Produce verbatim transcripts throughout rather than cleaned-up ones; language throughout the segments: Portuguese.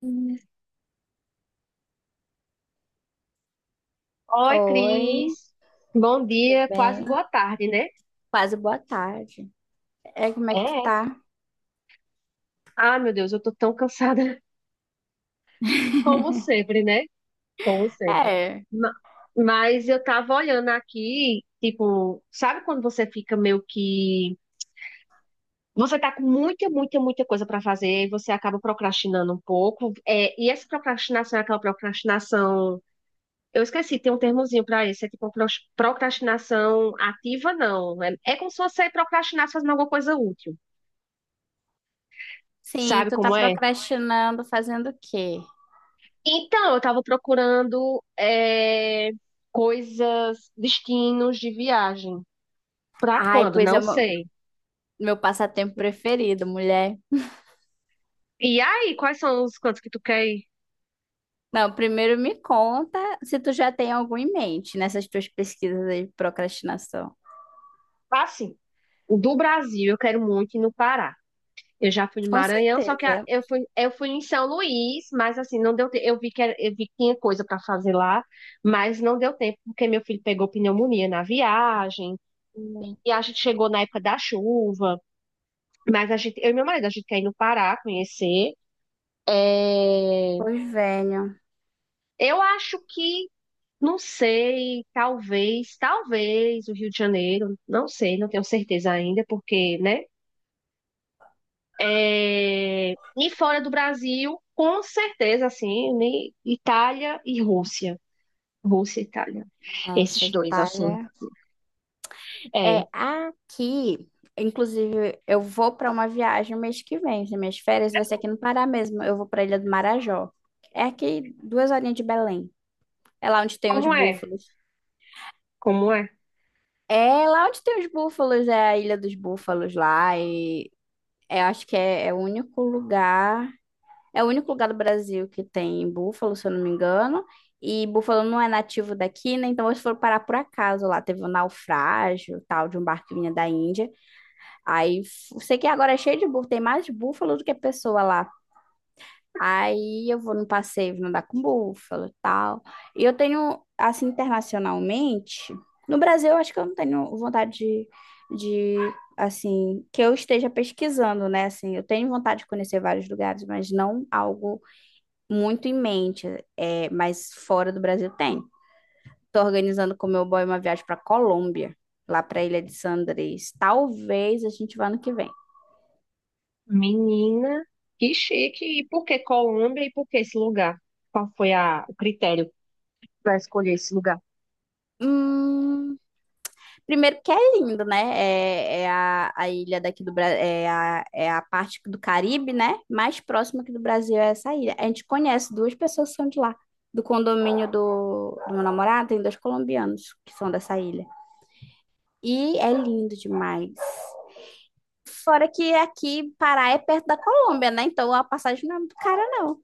Oi, Oi, Cris. Bom tudo dia, quase bem? boa tarde, né? Quase boa tarde. É, como é que tu É. tá? Ah, meu Deus, eu tô tão cansada como sempre, né? Como sempre. É, Ma- Mas eu tava olhando aqui, tipo, sabe quando você fica meio que você tá com muita, muita, muita coisa pra fazer e você acaba procrastinando um pouco. É, e essa procrastinação é aquela procrastinação. Eu esqueci, tem um termozinho pra isso. É tipo pro- procrastinação ativa, não. É, é como se você procrastinasse fazendo alguma coisa útil. sim, Sabe tu tá como é? procrastinando fazendo o quê? Então, eu tava procurando é, coisas, destinos de viagem. Pra Ai, quando? pois é Não o meu sei. meu passatempo preferido, mulher. E aí, quais são os cantos que tu quer ir? Não, primeiro me conta se tu já tem algum em mente nessas tuas pesquisas aí de procrastinação. Assim, o do Brasil eu quero muito ir no Pará. Eu já fui no Com Maranhão, só que a- certeza. eu fui, eu fui em São Luís, mas assim, não deu tempo. Eu vi que, era- eu vi que tinha coisa para fazer lá, mas não deu tempo, porque meu filho pegou pneumonia na viagem, Hum, e a gente chegou na época da chuva. Mas a gente, eu e meu marido, a gente quer ir no Pará conhecer. É, Pois venho. eu acho que, não sei, talvez, talvez o Rio de Janeiro, não sei, não tenho certeza ainda, porque, né? É, e fora do Brasil, com certeza, assim, né, Itália e Rússia. Rússia e Itália. Nossa, Esses dois, assim. Itália. É, É. aqui, inclusive, eu vou para uma viagem no mês que vem. As minhas férias vai ser aqui no Pará mesmo. Eu vou para a Ilha do Marajó. É aqui duas horinhas de Belém. É lá onde tem os Como é? búfalos. Como é? É lá onde tem os búfalos, é a Ilha dos Búfalos lá. E eu acho que é, é o único lugar, é o único lugar do Brasil que tem búfalo, se eu não me engano. E búfalo não é nativo daqui, né? Então eles foram parar por acaso lá. Teve um naufrágio, tal, de um barco que vinha da Índia. Aí, f- sei que agora é cheio de búfalo, tem mais búfalo do que pessoa lá. Aí eu vou no passeio, vou andar com búfalo e tal. E eu tenho, assim, internacionalmente, no Brasil eu acho que eu não tenho vontade de, de, assim, que eu esteja pesquisando, né? Assim, eu tenho vontade de conhecer vários lugares, mas não algo muito em mente, é, mas fora do Brasil tem. Tô organizando com meu boy uma viagem para Colômbia, lá para a Ilha de San Andrés. Talvez a gente vá no que vem. Menina, que chique. E por que Colômbia e por que esse lugar? Qual foi a, o critério para escolher esse lugar? Hum, primeiro que é lindo, né? É, é a, a ilha daqui do Brasil, é a, é a parte do Caribe, né? Mais próxima aqui do Brasil é essa ilha. A gente conhece duas pessoas que são de lá. Do condomínio do, do meu namorado, tem dois colombianos que são dessa ilha. E é lindo demais. Fora que aqui Pará é perto da Colômbia, né? Então a passagem não é muito cara, não.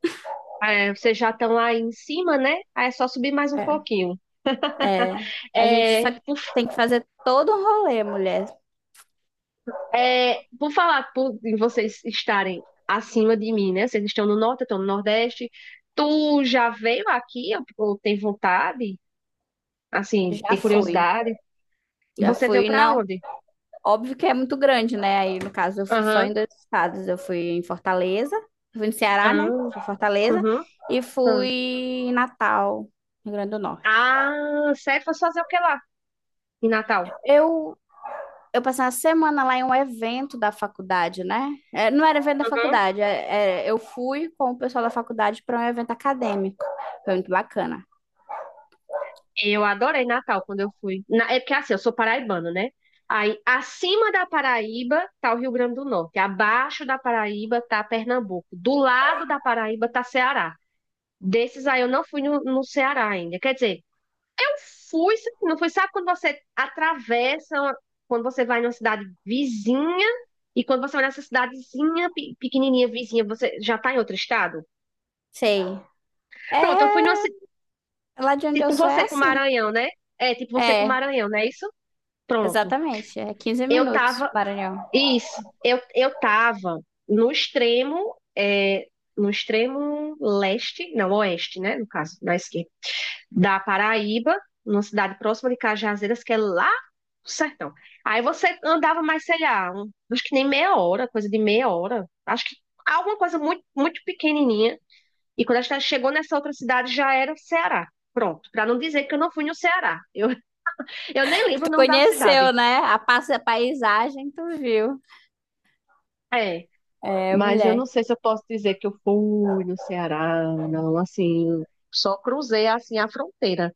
É, vocês já estão lá em cima, né? Aí é só subir mais um É. pouquinho. É. A gente só É, por, tem que fazer todo um rolê, mulher. é, por falar por, em vocês estarem acima de mim, né? Vocês estão no norte, eu estou no nordeste. Tu já veio aqui ou ou tem vontade? Assim, Já tem fui. curiosidade? Já Você veio fui, para não. onde? Óbvio que é muito grande, né? Aí, no caso, eu fui só em Aham, dois estados. Eu fui em Fortaleza, eu fui no Ceará, né? aham, Fui em Fortaleza uhum, e fui aham. em Natal, Rio Grande do Norte. Ah, sério, fosse fazer o que lá em Natal? Eu, eu passei uma semana lá em um evento da faculdade, né? É, não era evento da faculdade, é- é, eu fui com o pessoal da faculdade para um evento acadêmico. Foi muito bacana. Eu adorei Natal quando eu fui. Na- É porque assim, eu sou paraibano, né? Aí, acima da Paraíba tá o Rio Grande do Norte, abaixo da Paraíba tá Pernambuco, do lado da Paraíba tá Ceará. Desses aí eu não fui no, no Ceará ainda. Quer dizer, eu fui, não fui, sabe quando você atravessa, uma- quando você vai numa cidade vizinha e quando você vai nessa cidadezinha pe- pequenininha vizinha, você já tá em outro estado? Sei. Pronto, eu fui É, numa, ci- lá de onde eu tipo sou é você com assim. Maranhão, né? É, tipo você com É, Maranhão, não é isso? Pronto. exatamente. É quinze Eu minutos, tava, Maranhão. isso, eu, eu tava no extremo, é, no extremo leste, não, oeste, né, no caso, na esquerda, da Paraíba, numa cidade próxima de Cajazeiras, que é lá no sertão. Aí você andava mais, sei lá, um- acho que nem meia hora, coisa de meia hora, acho que alguma coisa muito, muito pequenininha. E quando a gente chegou nessa outra cidade, já era Ceará. Pronto, para não dizer que eu não fui no Ceará. Eu, eu nem lembro o Tu nome da cidade. conheceu, né? A passa a paisagem, tu viu. É. É, Mas eu mulher. não sei se eu posso dizer que eu fui no Ceará, não, assim, só cruzei assim a fronteira.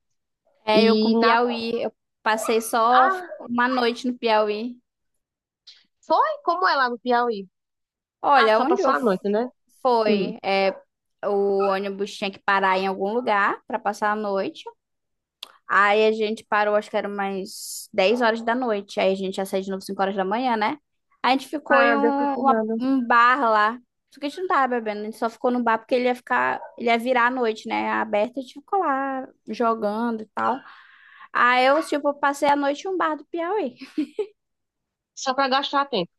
É, eu com E na Piauí. Eu passei só Ah, uma noite no Piauí. foi como é lá no Piauí? Ah, Olha, só onde passou eu a noite, né? Hum. fui, é, o ônibus tinha que parar em algum lugar para passar a noite. Aí a gente parou, acho que era umas dez horas da noite. Aí a gente ia sair de novo cinco horas da manhã, né? Aí a gente ficou em Ah, deu um, tipo uma- nada. um bar lá. Só que a gente não tava bebendo, a gente só ficou no bar porque ele ia ficar, ele ia virar a noite, né? Aberto, a gente ficou lá jogando e tal. Aí eu, tipo, passei a noite em um bar do Piauí. Só para gastar tempo.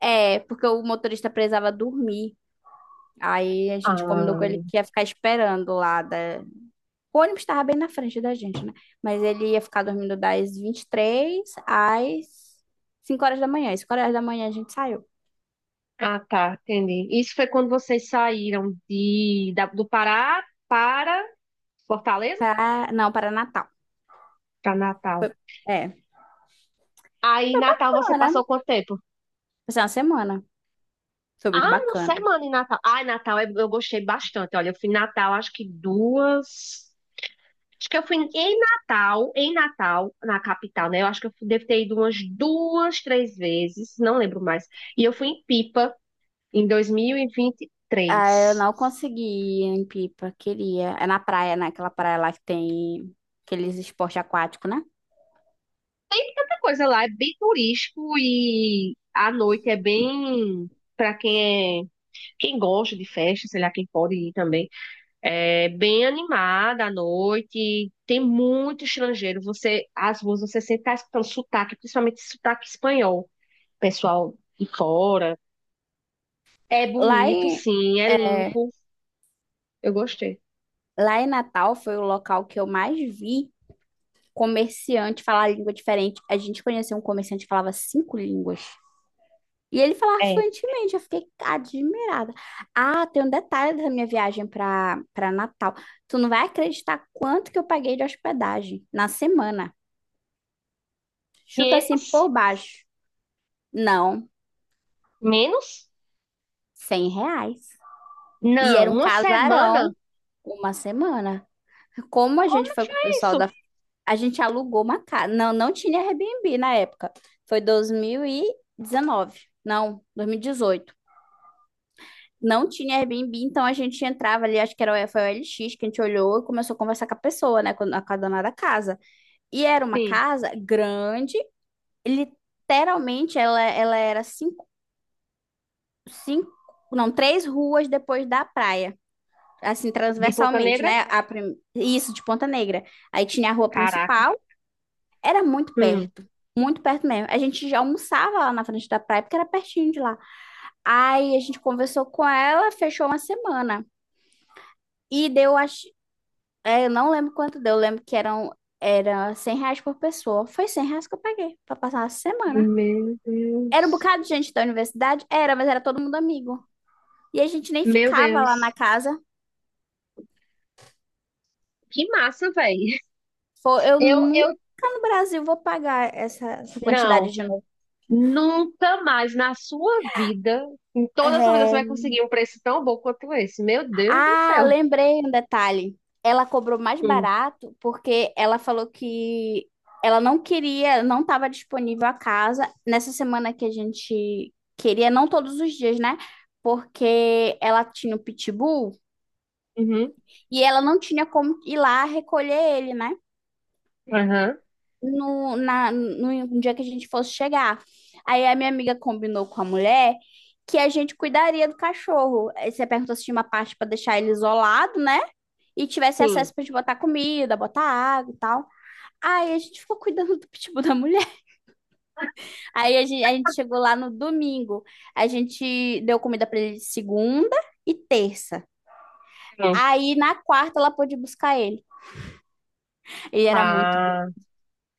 É, porque o motorista precisava dormir. Aí a gente combinou com ele Ah, que ia ficar esperando lá da. O ônibus estava bem na frente da gente, né? Mas ele ia ficar dormindo das vinte e três às cinco horas da manhã. Às cinco horas da manhã a gente saiu. ah, tá, entendi. Isso foi quando vocês saíram de da- do Pará para Fortaleza? Pra... Não, para Natal. Para Natal. Foi- É, Aí, foi Natal, você bacana. passou quanto tempo? Foi uma semana. Foi Ah, muito uma bacana. semana em Natal. Ai, Natal eu eu gostei bastante. Olha, eu fui em Natal, acho que duas. Acho que eu fui em Natal, em Natal, na capital, né? Eu acho que eu fui- devo ter ido umas duas, três vezes, não lembro mais. E eu fui em Pipa em dois mil e e vinte e Ah, eu três. não consegui ir em Pipa, queria. É na praia, né? Aquela praia lá que tem aqueles esporte aquático, né? A coisa lá é bem turístico e à noite é bem para quem é, quem gosta de festa, sei lá, quem pode ir também. É bem animada à noite, tem muito estrangeiro. Você, às ruas, você sempre tá escutando sotaque, principalmente sotaque espanhol, pessoal de fora. É Lá bonito, em, sim, é é, limpo. Eu gostei. lá em Natal foi o local que eu mais vi comerciante falar língua diferente. A gente conheceu um comerciante que falava cinco línguas. E ele falava É. fluentemente, eu fiquei admirada. Ah, tem um detalhe da minha viagem para para Natal. Tu não vai acreditar quanto que eu paguei de hospedagem na semana. Chuta assim quinhentos? por baixo. Não, Menos? cem reais. E Não, era um uma semana? casarão, uma semana. Como a gente Como é foi que com o é pessoal da... isso? A gente alugou uma casa. Não, não tinha Airbnb na época. Foi dois mil e dezenove. Não, dois mil e dezoito. Não tinha Airbnb, então a gente entrava ali, acho que era, o- foi o L X que a gente olhou e começou a conversar com a pessoa, né, com a, com a dona da casa. E era uma Sim. casa grande, literalmente ela, ela era cinco, cinco, não, três ruas depois da praia, assim, De Ponta transversalmente, Negra? né, a, prim- isso, de Ponta Negra. Aí tinha a rua Caraca. principal, era muito Hum. perto. Muito perto mesmo. A gente já almoçava lá na frente da praia, porque era pertinho de lá. Aí a gente conversou com ela, fechou uma semana. E deu, acho É, eu não lembro quanto deu. Eu lembro que eram era cem reais por pessoa. Foi cem reais que eu paguei pra passar a semana. Meu Era um Deus. bocado de gente da universidade? Era, mas era todo mundo amigo. E a gente nem Meu ficava lá na Deus. casa. Que massa, velho. Foi, eu Eu, nunca eu, no Brasil vou pagar essa, essa não. quantidade de novo. Nunca mais na sua vida, em toda a sua vida, você É, vai conseguir um preço tão bom quanto esse. Meu Deus do Ah, céu. lembrei um detalhe. Ela cobrou mais Hum, barato porque ela falou que ela não queria, não estava disponível a casa nessa semana que a gente queria, não todos os dias, né? Porque ela tinha o pitbull Uhum. e ela não tinha como ir lá recolher ele, né? Aham. No, na, no dia que a gente fosse chegar. Aí a minha amiga combinou com a mulher que a gente cuidaria do cachorro. Aí você perguntou se tinha uma parte para deixar ele isolado, né? E tivesse Sim. acesso pra gente botar comida, botar água e tal. Aí a gente ficou cuidando do pitbull da mulher. Aí a gente, a gente chegou lá no domingo. A gente deu comida pra ele segunda e terça. Hum. Aí na quarta ela pôde buscar ele. Ele era muito grande. Ah,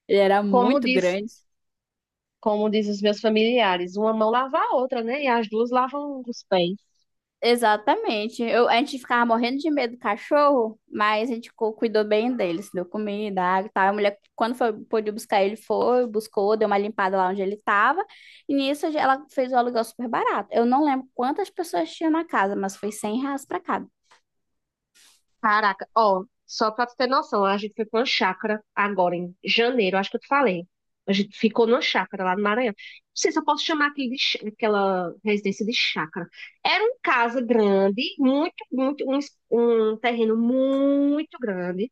Ele era como muito diz, grande. como diz os meus familiares, uma mão lava a outra, né? E as duas lavam os pés. Exatamente. Eu, a gente ficava morrendo de medo do cachorro, mas a gente cu- cuidou bem deles deu comida, água e tal. A mulher, quando foi, pôde buscar ele, foi, buscou, deu uma limpada lá onde ele estava. E nisso ela fez o aluguel super barato. Eu não lembro quantas pessoas tinham na casa, mas foi cem reais pra cada. Caraca, ó, só pra tu ter noção, a gente foi pra uma chácara agora em janeiro, acho que eu te falei. A gente ficou numa chácara lá no Maranhão. Não sei se eu posso chamar aquele de, chá- aquela residência de chácara. Era uma casa grande, muito, muito, um, es- um terreno muito grande.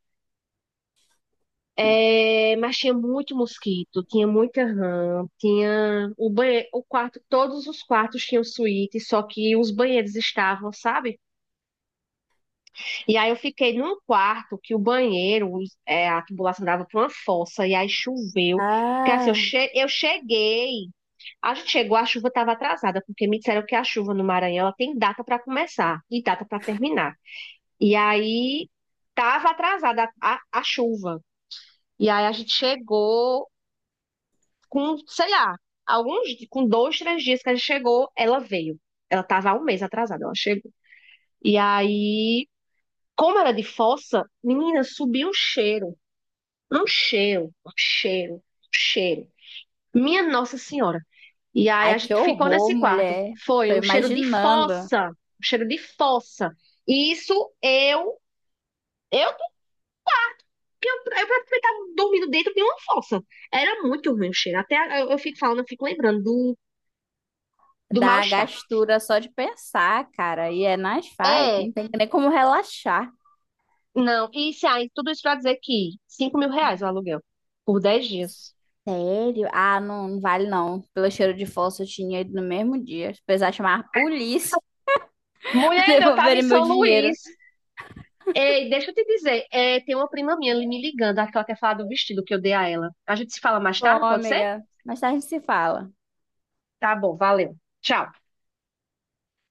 É, mas tinha muito mosquito, tinha muita rã, tinha o banheiro, o quarto, todos os quartos tinham suíte, só que os banheiros estavam, sabe? E aí eu fiquei num quarto que o banheiro, os- é, a tubulação dava para uma fossa, e aí choveu. Porque assim, eu, Ah, che- eu cheguei, a gente chegou, a chuva estava atrasada, porque me disseram que a chuva no Maranhão ela tem data para começar e data para terminar. E aí estava atrasada a, a- a chuva. E aí a gente chegou com, sei lá, alguns, com dois, três dias que a gente chegou, ela veio. Ela estava há um mês atrasada, ela chegou. E aí, como era de fossa, menina, subiu um cheiro. Um cheiro, um cheiro, um cheiro. Minha Nossa Senhora. E aí ai, a que gente ficou horror, nesse quarto. mulher. Tô Foi um cheiro de imaginando. fossa, um cheiro de fossa. E isso eu, eu, eu praticamente estava dormindo dentro de uma fossa. Era muito ruim o cheiro. Até eu, eu fico falando, eu fico lembrando do, do Dá mal-estar. gastura só de pensar, cara. E é nas faz, É, não tem nem como relaxar. não. E isso aí, tudo isso pra dizer que cinco mil reais o aluguel por dez dias. Sério? Ah, não, não vale não. Pelo cheiro de fósforo, eu tinha ido no mesmo dia. Se precisar chamar a polícia para Mulher, eu tava em devolverem meu São dinheiro. Luís. Ei, deixa eu te dizer, é, tem uma prima minha ali me ligando, acho que ela quer falar do vestido que eu dei a ela. A gente se fala mais Bom, tarde, pode ser? amiga, mais tarde a gente se fala. Tá bom, valeu. Tchau.